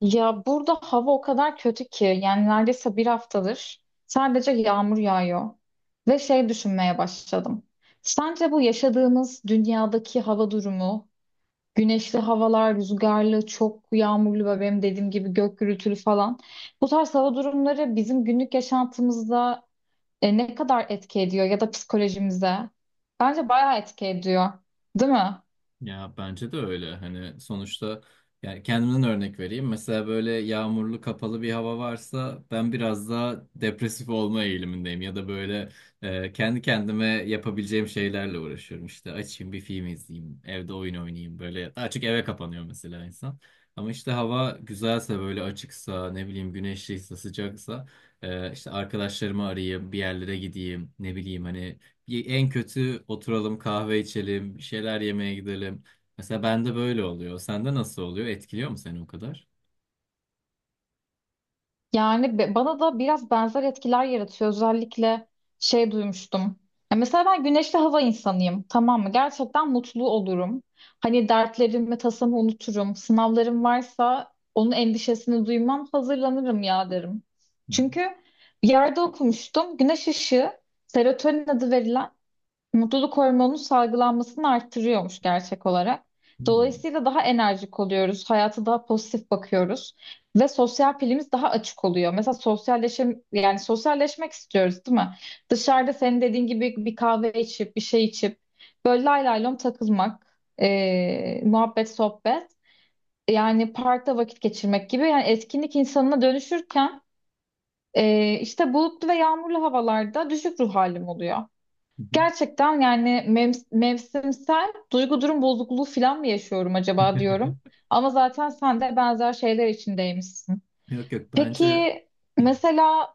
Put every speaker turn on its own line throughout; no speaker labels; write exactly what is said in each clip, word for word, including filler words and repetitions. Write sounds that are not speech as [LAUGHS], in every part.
Ya burada hava o kadar kötü ki yani neredeyse bir haftadır sadece yağmur yağıyor. Ve şey düşünmeye başladım. Sence bu yaşadığımız dünyadaki hava durumu, güneşli havalar, rüzgarlı, çok yağmurlu ve benim dediğim gibi gök gürültülü falan bu tarz hava durumları bizim günlük yaşantımızda e, ne kadar etki ediyor ya da psikolojimize? Bence bayağı etki ediyor, değil mi?
Ya bence de öyle. Hani sonuçta yani kendimden örnek vereyim. Mesela böyle yağmurlu kapalı bir hava varsa ben biraz daha depresif olma eğilimindeyim. Ya da böyle e, kendi kendime yapabileceğim şeylerle uğraşıyorum. İşte açayım bir film izleyeyim, evde oyun oynayayım böyle. Daha çok eve kapanıyor mesela insan. Ama işte hava güzelse böyle açıksa ne bileyim güneşliyse sıcaksa e, işte arkadaşlarımı arayayım bir yerlere gideyim ne bileyim hani en kötü oturalım kahve içelim, bir şeyler yemeye gidelim. Mesela bende böyle oluyor. Sende nasıl oluyor? Etkiliyor mu seni o kadar?
Yani be- bana da biraz benzer etkiler yaratıyor. Özellikle şey duymuştum. Ya mesela ben güneşli hava insanıyım, tamam mı? Gerçekten mutlu olurum. Hani dertlerimi, tasamı unuturum. Sınavlarım varsa onun endişesini duymam, hazırlanırım ya derim.
Hı
Çünkü bir yerde okumuştum. Güneş ışığı, serotonin adı verilen mutluluk hormonunun salgılanmasını arttırıyormuş gerçek olarak.
hı.
Dolayısıyla daha enerjik oluyoruz, hayata daha pozitif bakıyoruz ve sosyal pilimiz daha açık oluyor. Mesela sosyalleşim, yani sosyalleşmek istiyoruz, değil mi? Dışarıda senin dediğin gibi bir kahve içip, bir şey içip, böyle lay lay lom takılmak, eee, muhabbet, sohbet, yani parkta vakit geçirmek gibi yani etkinlik insanına dönüşürken eee, işte bulutlu ve yağmurlu havalarda düşük ruh halim oluyor. Gerçekten yani mev- mevsimsel duygu durum bozukluğu falan mı yaşıyorum acaba
Hmm.
diyorum.
[LAUGHS]
Ama zaten sen de benzer şeyler içindeymişsin.
Yok yok bence.
Peki
Hı.
mesela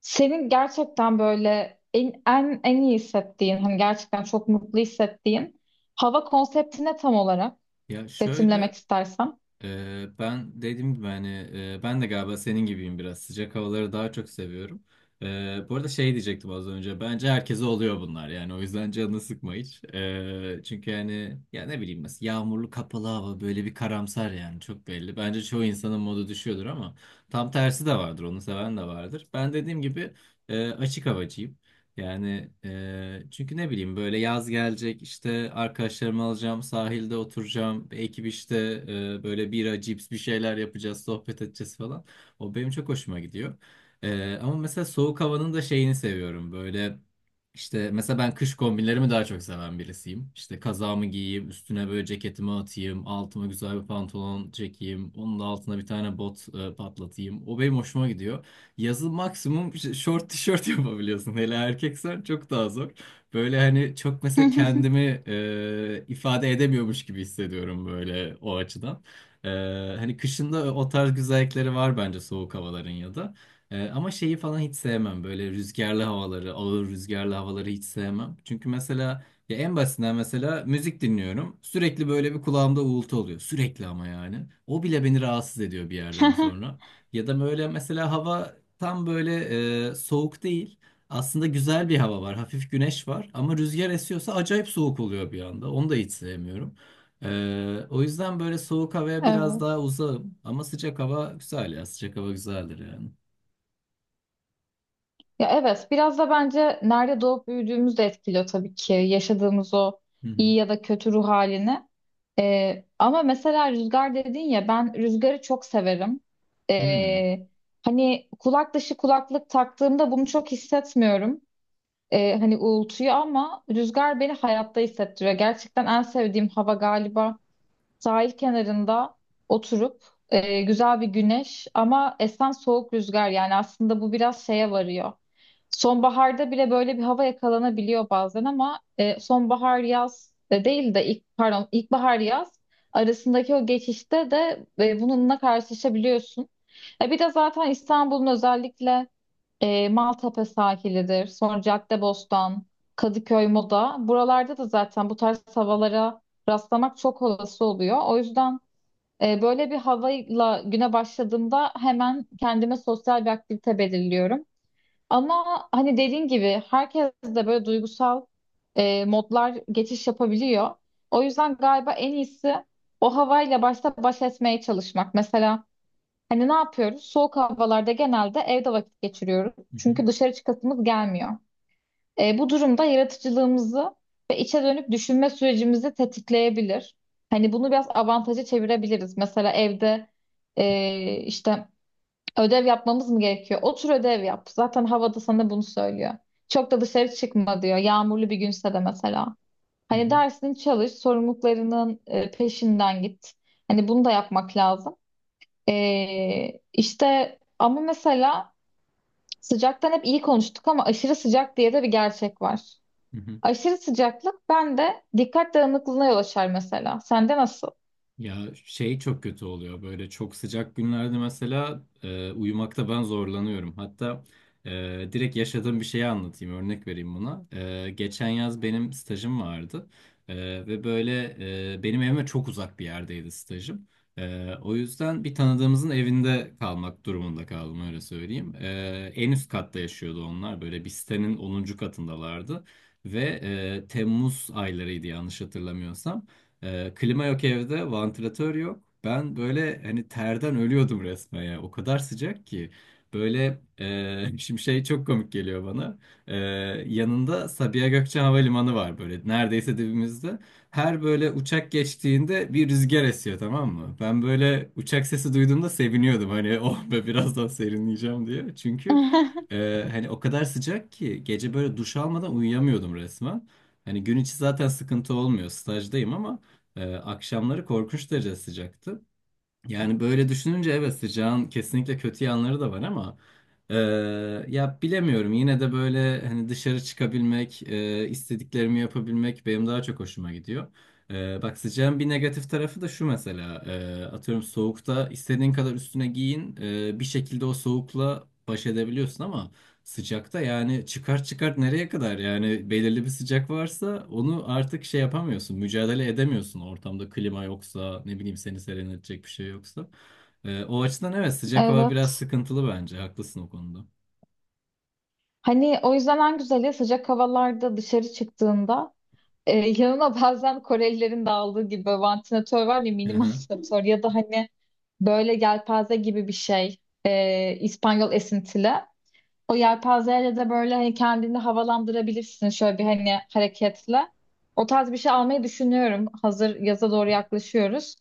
senin gerçekten böyle en, en, en iyi hissettiğin, hani gerçekten çok mutlu hissettiğin hava konseptine tam olarak?
Ya şöyle.
Betimlemek istersen.
Ee, ben dediğim gibi hani e, ben de galiba senin gibiyim biraz. Sıcak havaları daha çok seviyorum. Ee, bu arada şey diyecektim az önce. Bence herkese oluyor bunlar. Yani o yüzden canını sıkma hiç. Ee, çünkü yani ya ne bileyim mesela yağmurlu kapalı hava böyle bir karamsar yani çok belli. Bence çoğu insanın modu düşüyordur ama tam tersi de vardır. Onu seven de vardır. Ben dediğim gibi e, açık havacıyım. Yani e, çünkü ne bileyim böyle yaz gelecek işte arkadaşlarımı alacağım sahilde oturacağım bir ekip işte e, böyle bira cips bir şeyler yapacağız sohbet edeceğiz falan. O benim çok hoşuma gidiyor. E, ama mesela soğuk havanın da şeyini seviyorum böyle işte mesela ben kış kombinlerimi daha çok seven birisiyim. İşte kazağımı giyeyim üstüne böyle ceketimi atayım altıma güzel bir pantolon çekeyim onun da altına bir tane bot e, patlatayım o benim hoşuma gidiyor. Yazın maksimum ş- short tişört [LAUGHS] yapabiliyorsun. Hele erkeksen çok daha zor. Böyle hani çok mesela
[LAUGHS]
kendimi e, ifade edemiyormuş gibi hissediyorum böyle o açıdan. E, Hani kışında o tarz güzellikleri var bence soğuk havaların ya da. E, ama şeyi falan hiç sevmem. Böyle rüzgarlı havaları, ağır rüzgarlı havaları hiç sevmem. Çünkü mesela ya en basitinden mesela müzik dinliyorum. Sürekli böyle bir kulağımda uğultu oluyor. Sürekli ama yani. O bile beni rahatsız ediyor bir yerden sonra. Ya da böyle mesela hava. Tam böyle e, soğuk değil. Aslında güzel bir hava var. Hafif güneş var. Ama rüzgar esiyorsa acayip soğuk oluyor bir anda. Onu da hiç sevmiyorum. E, o yüzden böyle soğuk havaya biraz
Evet.
daha uzağım. Ama sıcak hava güzel ya. Sıcak hava güzeldir yani.
Ya evet, biraz da bence nerede doğup büyüdüğümüz de etkiliyor tabii ki yaşadığımız o
Hı hı.
iyi ya da kötü ruh halini. Ee, ama mesela rüzgar dedin ya ben rüzgarı çok severim.
Hmm.
Ee, hani kulak dışı kulaklık taktığımda bunu çok hissetmiyorum. Ee, hani uğultuyu ama rüzgar beni hayatta hissettiriyor. Gerçekten en sevdiğim hava galiba sahil kenarında oturup e, güzel bir güneş ama esen soğuk rüzgar, yani aslında bu biraz şeye varıyor. Sonbaharda bile böyle bir hava yakalanabiliyor bazen ama e, sonbahar yaz de değil de ilk pardon ilkbahar yaz arasındaki o geçişte de e, bununla karşılaşabiliyorsun. E, bir de zaten İstanbul'un özellikle e, Maltepe sahilidir. Sonra Caddebostan, Kadıköy, Moda. Buralarda da zaten bu tarz havalara rastlamak çok olası oluyor. O yüzden e, böyle bir havayla güne başladığımda hemen kendime sosyal bir aktivite belirliyorum. Ama hani dediğin gibi herkes de böyle duygusal e, modlar geçiş yapabiliyor. O yüzden galiba en iyisi o havayla başta baş etmeye çalışmak. Mesela hani ne yapıyoruz? Soğuk havalarda genelde evde vakit geçiriyoruz.
Hı hı.
Çünkü dışarı çıkasımız gelmiyor. E, bu durumda yaratıcılığımızı ve içe dönük düşünme sürecimizi tetikleyebilir. Hani bunu biraz avantaja çevirebiliriz. Mesela evde e, işte ödev yapmamız mı gerekiyor? Otur ödev yap. Zaten havada sana bunu söylüyor. Çok da dışarı çıkma diyor. Yağmurlu bir günse de mesela.
Hı
Hani
hı.
dersini çalış, sorumluluklarının e, peşinden git. Hani bunu da yapmak lazım. Ee, işte ama mesela sıcaktan hep iyi konuştuk ama aşırı sıcak diye de bir gerçek var.
Hı hı.
Aşırı sıcaklık bende dikkat dağınıklığına yol açar mesela. Sende nasıl?
Ya şey çok kötü oluyor böyle çok sıcak günlerde mesela e, uyumakta ben zorlanıyorum. Hatta e, direkt yaşadığım bir şeyi anlatayım örnek vereyim buna. E, geçen yaz benim stajım vardı. E, Ve böyle e, benim evime çok uzak bir yerdeydi stajım. E, o yüzden bir tanıdığımızın evinde kalmak durumunda kaldım öyle söyleyeyim. E, en üst katta yaşıyordu onlar böyle bir sitenin onuncu katındalardı. Ve e, Temmuz aylarıydı yanlış hatırlamıyorsam. Ee, klima yok evde, vantilatör yok. Ben böyle hani terden ölüyordum resmen ya. O kadar sıcak ki. Böyle e, [LAUGHS] şimdi şey çok komik geliyor bana. Ee, Yanında Sabiha Gökçen Havalimanı var böyle neredeyse dibimizde. Her böyle uçak geçtiğinde bir rüzgar esiyor tamam mı? Ben böyle uçak sesi duyduğumda seviniyordum hani [LAUGHS] oh be birazdan serinleyeceğim diye. Çünkü
[LAUGHS]
e, hani o kadar sıcak ki gece böyle duş almadan uyuyamıyordum resmen. Hani gün içi zaten sıkıntı olmuyor stajdayım ama ee, akşamları korkunç derece sıcaktı. Yani böyle düşününce evet sıcağın kesinlikle kötü yanları da var ama e, ya bilemiyorum yine de böyle hani dışarı çıkabilmek, e, istediklerimi yapabilmek benim daha çok hoşuma gidiyor. E, bak sıcağın bir negatif tarafı da şu mesela e, atıyorum soğukta istediğin kadar üstüne giyin e, bir şekilde o soğukla baş edebiliyorsun ama sıcakta yani çıkart çıkart nereye kadar yani belirli bir sıcak varsa onu artık şey yapamıyorsun mücadele edemiyorsun ortamda klima yoksa ne bileyim seni serinletecek bir şey yoksa. Ee, o açıdan evet sıcak hava biraz
Evet.
sıkıntılı bence haklısın o konuda.
Hani o yüzden en güzeli sıcak havalarda dışarı çıktığında e, yanına bazen Korelilerin de aldığı gibi vantilatör var ya mini [LAUGHS]
Aha.
vantilatör ya da hani böyle yelpaze gibi bir şey e, İspanyol esintili. O yelpazeyle de böyle hani kendini havalandırabilirsin şöyle bir hani hareketle. O tarz bir şey almayı düşünüyorum. Hazır yaza doğru yaklaşıyoruz.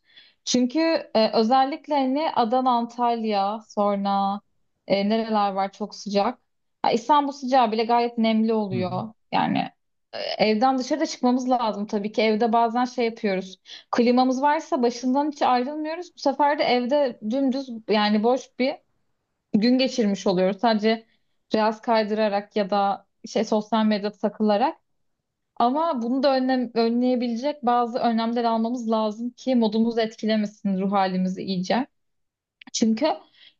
Çünkü e, özellikle hani Adana, Antalya, sonra e, nereler var çok sıcak. Ha, İstanbul sıcağı bile gayet nemli
Hı hı.
oluyor. Yani e, evden dışarıda çıkmamız lazım tabii ki. Evde bazen şey yapıyoruz. Klimamız varsa başından hiç ayrılmıyoruz. Bu sefer de evde dümdüz yani boş bir gün geçirmiş oluyoruz. Sadece reels kaydırarak ya da şey sosyal medyada takılarak. Ama bunu da önlem, önleyebilecek bazı önlemler almamız lazım ki modumuzu etkilemesin, ruh halimizi iyice. Çünkü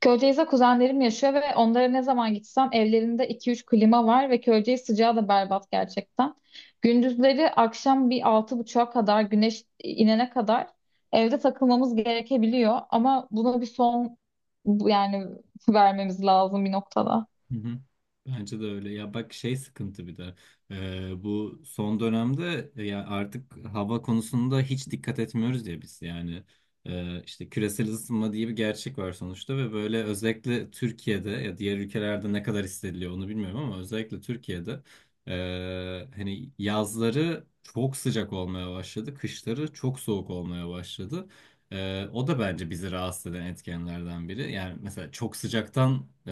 Köyceğiz'de kuzenlerim yaşıyor ve onlara ne zaman gitsem evlerinde iki üç klima var ve Köyceğiz sıcağı da berbat gerçekten. Gündüzleri akşam bir altı buçuğa kadar güneş inene kadar evde takılmamız gerekebiliyor ama buna bir son bu- yani [LAUGHS] vermemiz lazım bir noktada.
Hı hı. Bence de öyle. Ya bak şey sıkıntı bir de Ee, bu son dönemde e, ya artık hava konusunda hiç dikkat etmiyoruz ya biz yani. Ee, işte küresel ısınma diye bir gerçek var sonuçta ve böyle özellikle Türkiye'de ya diğer ülkelerde ne kadar hissediliyor onu bilmiyorum ama özellikle Türkiye'de e, hani yazları çok sıcak olmaya başladı, kışları çok soğuk olmaya başladı. Ee, o da bence bizi rahatsız eden etkenlerden biri. Yani mesela çok sıcaktan e,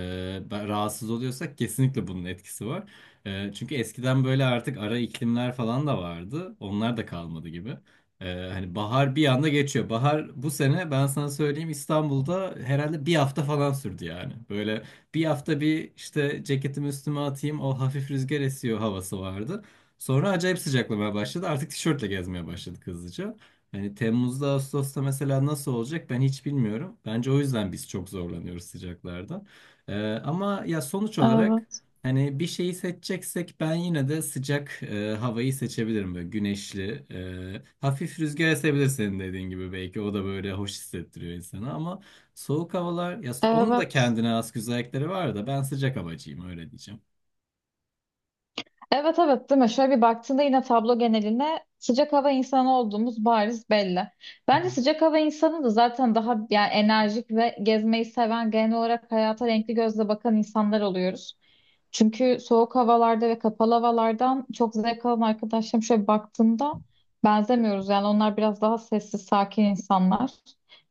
ben- rahatsız oluyorsak kesinlikle bunun etkisi var. E, çünkü eskiden böyle artık ara iklimler falan da vardı. Onlar da kalmadı gibi. E, hani bahar bir anda geçiyor. Bahar bu sene ben sana söyleyeyim İstanbul'da herhalde bir hafta falan sürdü yani. Böyle bir hafta bir işte ceketimi üstüme atayım o hafif rüzgar esiyor havası vardı. Sonra acayip sıcaklamaya başladı. Artık tişörtle gezmeye başladık hızlıca. Yani Temmuz'da, Ağustos'ta mesela nasıl olacak ben hiç bilmiyorum. Bence o yüzden biz çok zorlanıyoruz sıcaklarda. Ee, ama ya sonuç olarak
Evet.
hani bir şeyi seçeceksek ben yine de sıcak e, havayı seçebilirim. Böyle güneşli, e, hafif rüzgar esebilir senin dediğin gibi belki. O da böyle hoş hissettiriyor insana ama soğuk havalar, ya onun da
Evet.
kendine has güzellikleri var da ben sıcak havacıyım öyle diyeceğim.
Evet, evet, değil mi? Şöyle bir baktığında yine tablo geneline sıcak hava insanı olduğumuz bariz belli.
Hı
Bence
hı.
sıcak hava insanı da zaten daha yani enerjik ve gezmeyi seven, genel olarak hayata renkli gözle bakan insanlar oluyoruz. Çünkü soğuk havalarda ve kapalı havalardan çok zevk alan arkadaşlarım şöyle baktığımda benzemiyoruz. Yani onlar biraz daha sessiz, sakin insanlar.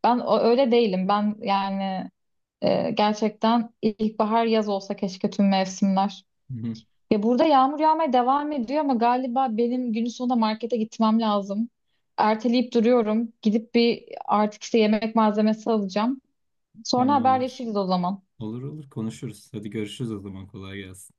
Ben o- öyle değilim. Ben yani e, gerçekten ilkbahar yaz olsa keşke tüm mevsimler.
[LAUGHS] Hı hı.
Ya burada yağmur yağmaya devam ediyor ama galiba benim günün sonunda markete gitmem lazım. Erteleyip duruyorum. Gidip bir artık işte yemek malzemesi alacağım. Sonra
Tamamdır.
haberleşiriz o zaman.
Olur olur konuşuruz. Hadi görüşürüz o zaman kolay gelsin.